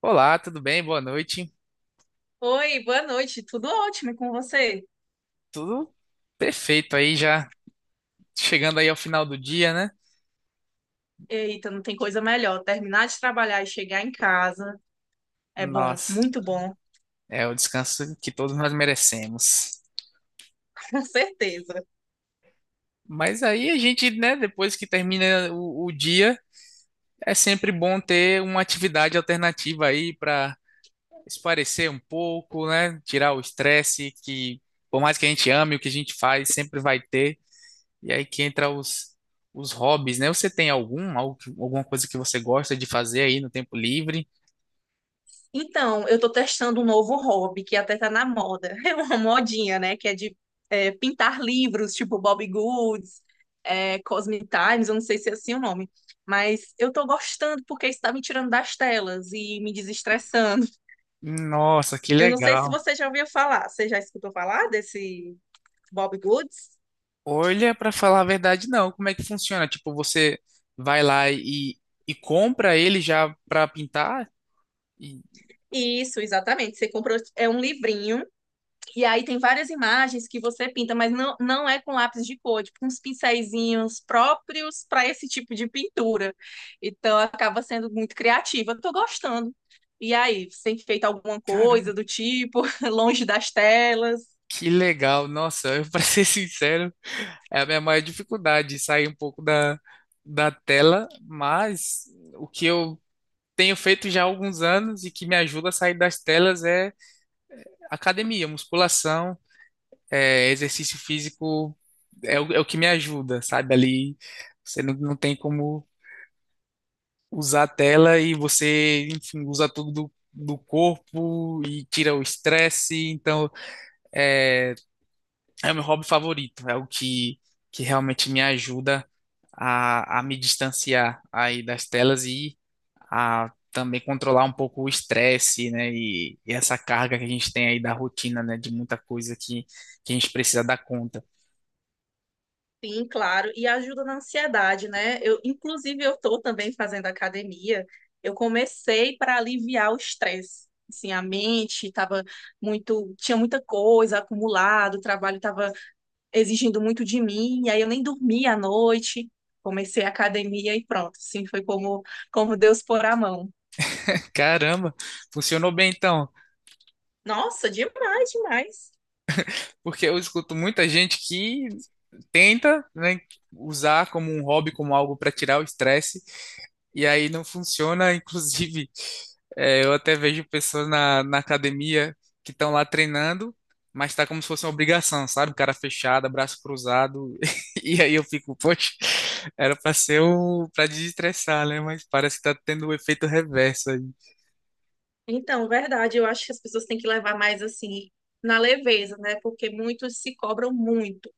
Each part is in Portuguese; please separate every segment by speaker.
Speaker 1: Olá, tudo bem? Boa noite.
Speaker 2: Oi, boa noite. Tudo ótimo e com você?
Speaker 1: Tudo perfeito aí já chegando aí ao final do dia, né?
Speaker 2: Eita, não tem coisa melhor. Terminar de trabalhar e chegar em casa é bom,
Speaker 1: Nossa,
Speaker 2: muito bom.
Speaker 1: é o descanso que todos nós merecemos.
Speaker 2: Com certeza.
Speaker 1: Mas aí a gente, né, depois que termina o dia, é sempre bom ter uma atividade alternativa aí para espairecer um pouco, né? Tirar o estresse que, por mais que a gente ame o que a gente faz, sempre vai ter. E aí que entra os hobbies, né? Você tem algum, algo alguma coisa que você gosta de fazer aí no tempo livre?
Speaker 2: Então, eu tô testando um novo hobby que até tá na moda. É uma modinha, né? Que é de pintar livros, tipo Bobbie Goods, Cosmic Times, eu não sei se é assim o nome. Mas eu tô gostando porque isso tá me tirando das telas e me desestressando.
Speaker 1: Nossa, que
Speaker 2: Eu não sei se
Speaker 1: legal.
Speaker 2: você já ouviu falar. Você já escutou falar desse Bobbie Goods?
Speaker 1: Olha, para falar a verdade, não. Como é que funciona? Tipo, você vai lá e compra ele já para pintar? E,
Speaker 2: Isso, exatamente. Você comprou, é um livrinho, e aí tem várias imagens que você pinta, mas não é com lápis de cor, é tipo, uns pincéizinhos próprios para esse tipo de pintura. Então, acaba sendo muito criativa. Tô gostando. E aí, você tem feito alguma
Speaker 1: caramba,
Speaker 2: coisa do tipo, longe das telas?
Speaker 1: que legal. Nossa, eu, para ser sincero, é a minha maior dificuldade sair um pouco da tela, mas o que eu tenho feito já há alguns anos e que me ajuda a sair das telas é academia, musculação. Exercício físico é é o que me ajuda, sabe? Ali você não tem como usar a tela e você, enfim, usa tudo do corpo e tira o estresse. Então, é, é o meu hobby favorito, é o que realmente me ajuda a me distanciar aí das telas e a também controlar um pouco o estresse, né? E essa carga que a gente tem aí da rotina, né? De muita coisa que a gente precisa dar conta.
Speaker 2: Sim, claro, e ajuda na ansiedade, né? Eu, inclusive, eu estou também fazendo academia. Eu comecei para aliviar o estresse. Assim, a mente estava muito, tinha muita coisa acumulada, o trabalho estava exigindo muito de mim, e aí eu nem dormia à noite. Comecei a academia e pronto, assim, foi como, como Deus pôr a mão.
Speaker 1: Caramba, funcionou bem então,
Speaker 2: Nossa, demais, demais.
Speaker 1: porque eu escuto muita gente que tenta, né, usar como um hobby, como algo para tirar o estresse, e aí não funciona. Inclusive, eu até vejo pessoas na academia que estão lá treinando, mas tá como se fosse uma obrigação, sabe? Cara fechada, braço cruzado, e aí eu fico, poxa, era para ser para desestressar, né? Mas parece que tá tendo o efeito reverso aí.
Speaker 2: Então, verdade, eu acho que as pessoas têm que levar mais assim na leveza, né? Porque muitos se cobram muito.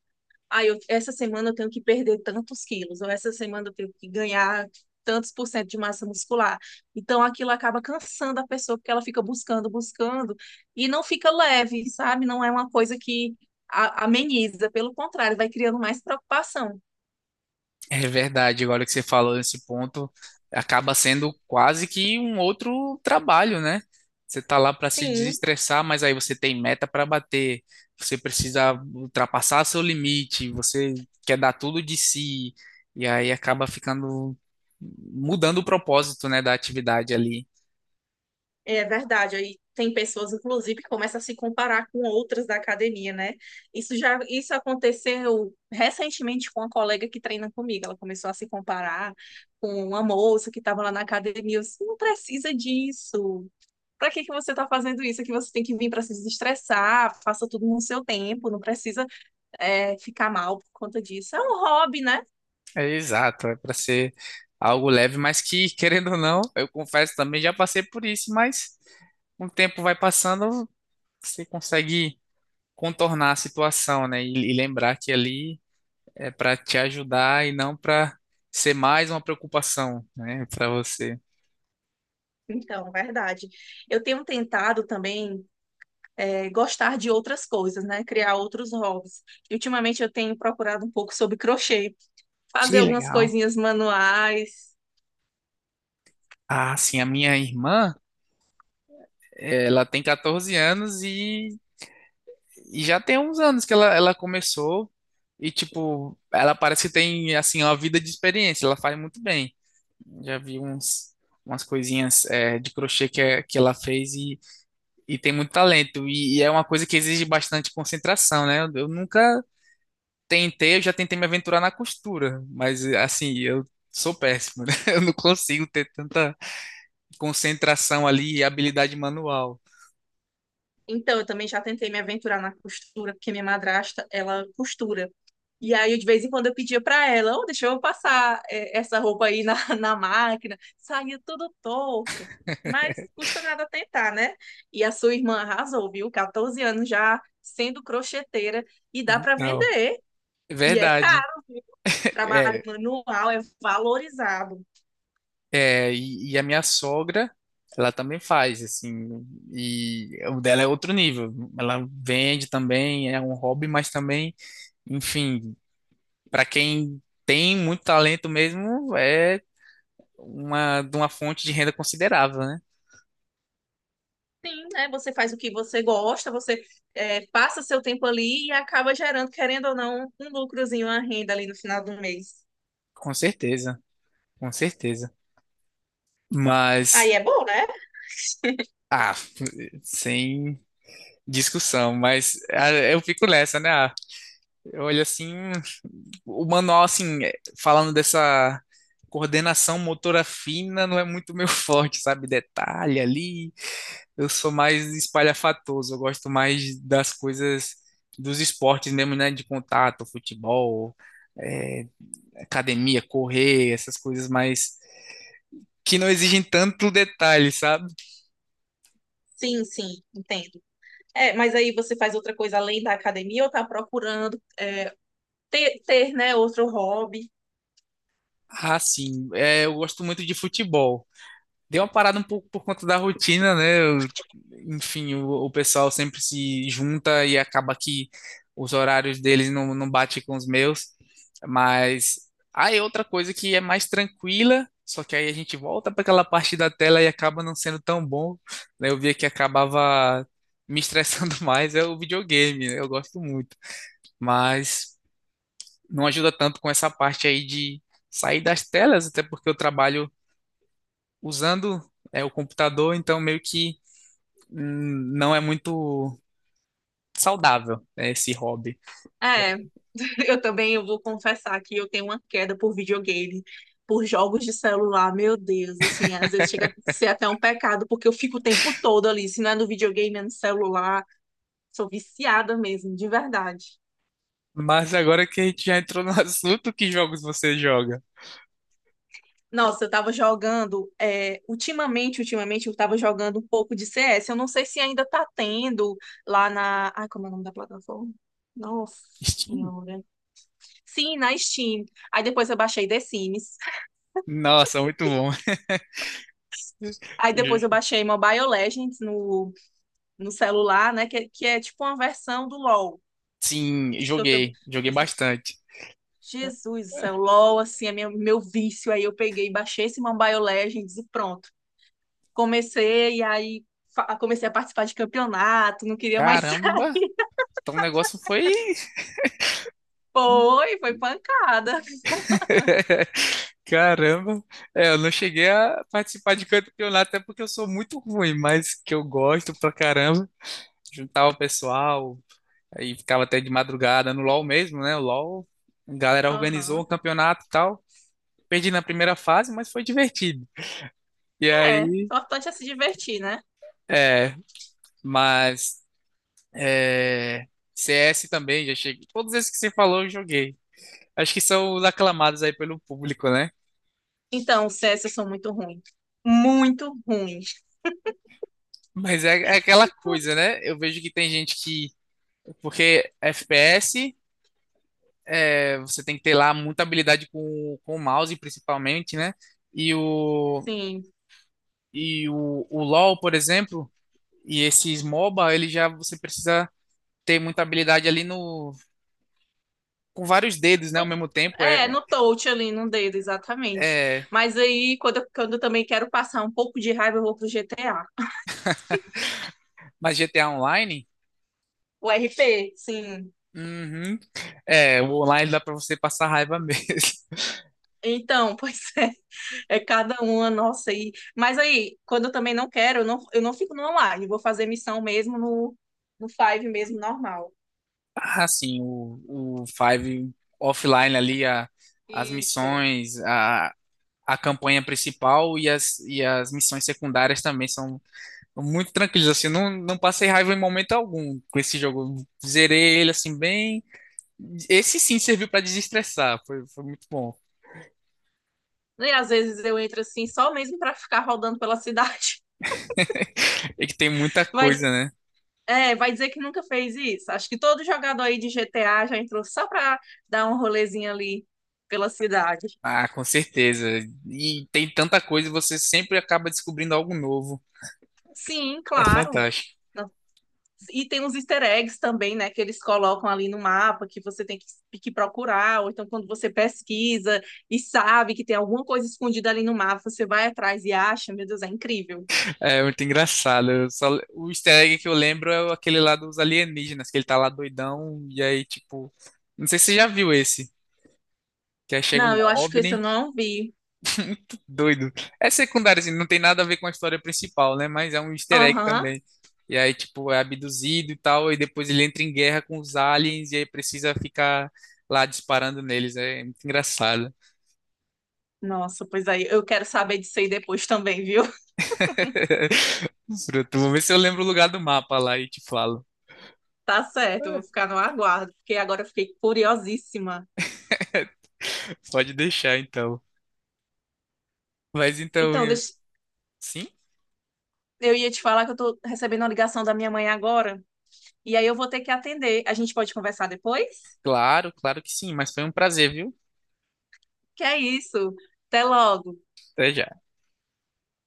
Speaker 2: Ah, eu, essa semana eu tenho que perder tantos quilos, ou essa semana eu tenho que ganhar tantos por cento de massa muscular. Então aquilo acaba cansando a pessoa, porque ela fica buscando, buscando, e não fica leve, sabe? Não é uma coisa que ameniza, pelo contrário, vai criando mais preocupação.
Speaker 1: É verdade, agora que você falou nesse ponto, acaba sendo quase que um outro trabalho, né? Você tá lá para se
Speaker 2: Sim,
Speaker 1: desestressar, mas aí você tem meta para bater, você precisa ultrapassar seu limite, você quer dar tudo de si, e aí acaba ficando mudando o propósito, né, da atividade ali.
Speaker 2: é verdade, aí tem pessoas, inclusive, que começam a se comparar com outras da academia, né? Isso aconteceu recentemente com uma colega que treina comigo. Ela começou a se comparar com uma moça que estava lá na academia. Eu disse, não precisa disso. Para que que você está fazendo isso? É que você tem que vir para se desestressar, faça tudo no seu tempo, não precisa ficar mal por conta disso. É um hobby, né?
Speaker 1: É exato, é para ser algo leve, mas que, querendo ou não, eu confesso também já passei por isso, mas com o tempo vai passando, você consegue contornar a situação, né? E lembrar que ali é para te ajudar e não para ser mais uma preocupação, né, para você.
Speaker 2: Então, verdade. Eu tenho tentado também gostar de outras coisas, né? Criar outros hobbies. E ultimamente eu tenho procurado um pouco sobre crochê, fazer
Speaker 1: Que
Speaker 2: algumas
Speaker 1: legal.
Speaker 2: coisinhas manuais.
Speaker 1: Ah, sim, a minha irmã, ela tem 14 anos e já tem uns anos que ela começou e, tipo, ela parece que tem, assim, uma vida de experiência, ela faz muito bem. Já vi umas coisinhas, de crochê que, que ela fez e tem muito talento. E é uma coisa que exige bastante concentração, né? Eu nunca tentei, eu já tentei me aventurar na costura, mas assim, eu sou péssimo, né? Eu não consigo ter tanta concentração ali e habilidade manual.
Speaker 2: Então, eu também já tentei me aventurar na costura, porque minha madrasta, ela costura. E aí, eu, de vez em quando, eu pedia para ela, oh, deixa eu passar essa roupa aí na, na máquina. Saía tudo torto. Mas custa nada tentar, né? E a sua irmã arrasou, viu? 14 anos já sendo crocheteira e dá para
Speaker 1: Então,
Speaker 2: vender.
Speaker 1: é
Speaker 2: E é
Speaker 1: verdade.
Speaker 2: caro. Trabalho
Speaker 1: É,
Speaker 2: manual é valorizado.
Speaker 1: e, e a minha sogra, ela também faz, assim, e o dela é outro nível. Ela vende também, é um hobby, mas também, enfim, para quem tem muito talento mesmo, é de uma fonte de renda considerável, né?
Speaker 2: Sim, né? Você faz o que você gosta, você passa seu tempo ali e acaba gerando, querendo ou não, um lucrozinho, uma renda ali no final do mês.
Speaker 1: Com certeza, com certeza. Mas,
Speaker 2: Aí é bom, né?
Speaker 1: ah, sem discussão, mas ah, eu fico nessa, né? Ah, eu olho assim, o manual, assim, falando dessa coordenação motora fina, não é muito meu forte, sabe? Detalhe ali, eu sou mais espalhafatoso, eu gosto mais das coisas dos esportes mesmo, né? De contato, futebol, é, academia, correr, essas coisas mais que não exigem tanto detalhe, sabe?
Speaker 2: Sim, sim, entendo. É, mas aí você faz outra coisa além da academia ou tá procurando né, outro hobby?
Speaker 1: Ah, sim. Eu gosto muito de futebol. Deu uma parada um pouco por conta da rotina, né? Enfim, o pessoal sempre se junta e acaba que os horários deles não, não batem com os meus. Mas aí é outra coisa que é mais tranquila, só que aí a gente volta para aquela parte da tela e acaba não sendo tão bom, né? Eu via que acabava me estressando mais, é o videogame, né? Eu gosto muito. Mas não ajuda tanto com essa parte aí de sair das telas, até porque eu trabalho usando o computador, então meio que não é muito saudável, né, esse hobby.
Speaker 2: É, eu também eu vou confessar que eu tenho uma queda por videogame, por jogos de celular, meu Deus, assim, às vezes chega a ser até um pecado, porque eu fico o tempo todo ali, se não é no videogame, é no celular, sou viciada mesmo, de verdade.
Speaker 1: Mas agora que a gente já entrou no assunto, que jogos você joga?
Speaker 2: Nossa, eu tava jogando, ultimamente eu tava jogando um pouco de CS, eu não sei se ainda tá tendo lá na, ai, como é o nome da plataforma? Nossa
Speaker 1: Steam?
Speaker 2: Senhora. Sim, na Steam. Aí depois eu baixei The Sims.
Speaker 1: Nossa, muito bom.
Speaker 2: Aí depois eu baixei Mobile Legends no, no celular, né? Que é tipo uma versão do LoL.
Speaker 1: Sim,
Speaker 2: Eu tam-
Speaker 1: joguei
Speaker 2: eu falei,
Speaker 1: bastante.
Speaker 2: Jesus, isso é o LoL, assim, é meu vício. Aí eu peguei, e baixei esse Mobile Legends e pronto. Comecei, e aí comecei a participar de campeonato, não queria mais.
Speaker 1: Caramba, então o negócio foi.
Speaker 2: Foi, foi pancada.
Speaker 1: Caramba, é, eu não cheguei a participar de campeonato, até porque eu sou muito ruim, mas que eu gosto pra caramba. Juntava o pessoal, aí ficava até de madrugada no LoL mesmo, né? O LoL, a galera organizou um
Speaker 2: Aham.
Speaker 1: campeonato e tal. Perdi na primeira fase, mas foi divertido. E
Speaker 2: É, o
Speaker 1: aí,
Speaker 2: importante é se divertir, né?
Speaker 1: é, mas é, CS também, já cheguei. Todos esses que você falou, eu joguei. Acho que são os aclamados aí pelo público, né?
Speaker 2: Então, o CS eu sou muito ruim. Muito ruim.
Speaker 1: Mas é aquela coisa, né? Eu vejo que tem gente que. Porque FPS, é, você tem que ter lá muita habilidade com o mouse, principalmente, né? E o,
Speaker 2: Sim.
Speaker 1: e o LoL, por exemplo, e esses MOBA, ele já você precisa ter muita habilidade ali no com vários dedos, né, ao
Speaker 2: No-
Speaker 1: mesmo tempo.
Speaker 2: é, no touch ali, no dedo, exatamente.
Speaker 1: É,
Speaker 2: Mas aí, quando eu também quero passar um pouco de raiva, eu vou pro GTA.
Speaker 1: mas GTA Online,
Speaker 2: O RP, sim.
Speaker 1: uhum, é, o online dá pra você passar raiva mesmo.
Speaker 2: Então, pois é, é cada uma nossa aí. Mas aí, quando eu também não quero, eu não fico no online, eu vou fazer missão mesmo no, no Five mesmo, normal.
Speaker 1: Ah, sim, o Five offline ali, as
Speaker 2: Isso.
Speaker 1: missões, a campanha principal e as missões secundárias também são muito tranquilas. Assim, eu não, não passei raiva em momento algum com esse jogo. Zerei ele assim bem. Esse sim serviu para desestressar, foi muito bom.
Speaker 2: E às vezes eu entro assim, só mesmo pra ficar rodando pela cidade.
Speaker 1: É que tem muita
Speaker 2: Vai
Speaker 1: coisa, né?
Speaker 2: é, vai dizer que nunca fez isso. Acho que todo jogador aí de GTA já entrou só para dar um rolezinho ali pela cidade.
Speaker 1: Ah, com certeza. E tem tanta coisa, você sempre acaba descobrindo algo novo.
Speaker 2: Sim,
Speaker 1: É
Speaker 2: claro.
Speaker 1: fantástico.
Speaker 2: Não. E tem uns easter eggs também, né, que eles colocam ali no mapa que você tem que procurar, ou então quando você pesquisa e sabe que tem alguma coisa escondida ali no mapa, você vai atrás e acha, meu Deus, é incrível.
Speaker 1: É muito engraçado. O easter egg que eu lembro é aquele lá dos alienígenas, que ele tá lá doidão, e aí, tipo. Não sei se você já viu esse. Que aí chega um
Speaker 2: Não, eu acho que esse eu
Speaker 1: OVNI.
Speaker 2: não vi.
Speaker 1: Muito doido. É secundário, assim, não tem nada a ver com a história principal, né? Mas é um easter egg
Speaker 2: Aham.
Speaker 1: também. E aí, tipo, é abduzido e tal, e depois ele entra em guerra com os aliens e aí precisa ficar lá disparando neles. É muito engraçado.
Speaker 2: Nossa, pois aí eu quero saber disso aí depois também, viu?
Speaker 1: Pronto, vou ver se eu lembro o lugar do mapa lá e te falo.
Speaker 2: Tá certo, eu vou ficar no aguardo, porque agora eu fiquei curiosíssima.
Speaker 1: Pode deixar, então. Mas então,
Speaker 2: Então, deixa-
Speaker 1: sim,
Speaker 2: eu ia te falar que eu tô recebendo uma ligação da minha mãe agora, e aí eu vou ter que atender. A gente pode conversar depois?
Speaker 1: claro, claro que sim, mas foi um prazer, viu?
Speaker 2: Que é isso. Até logo.
Speaker 1: Até já.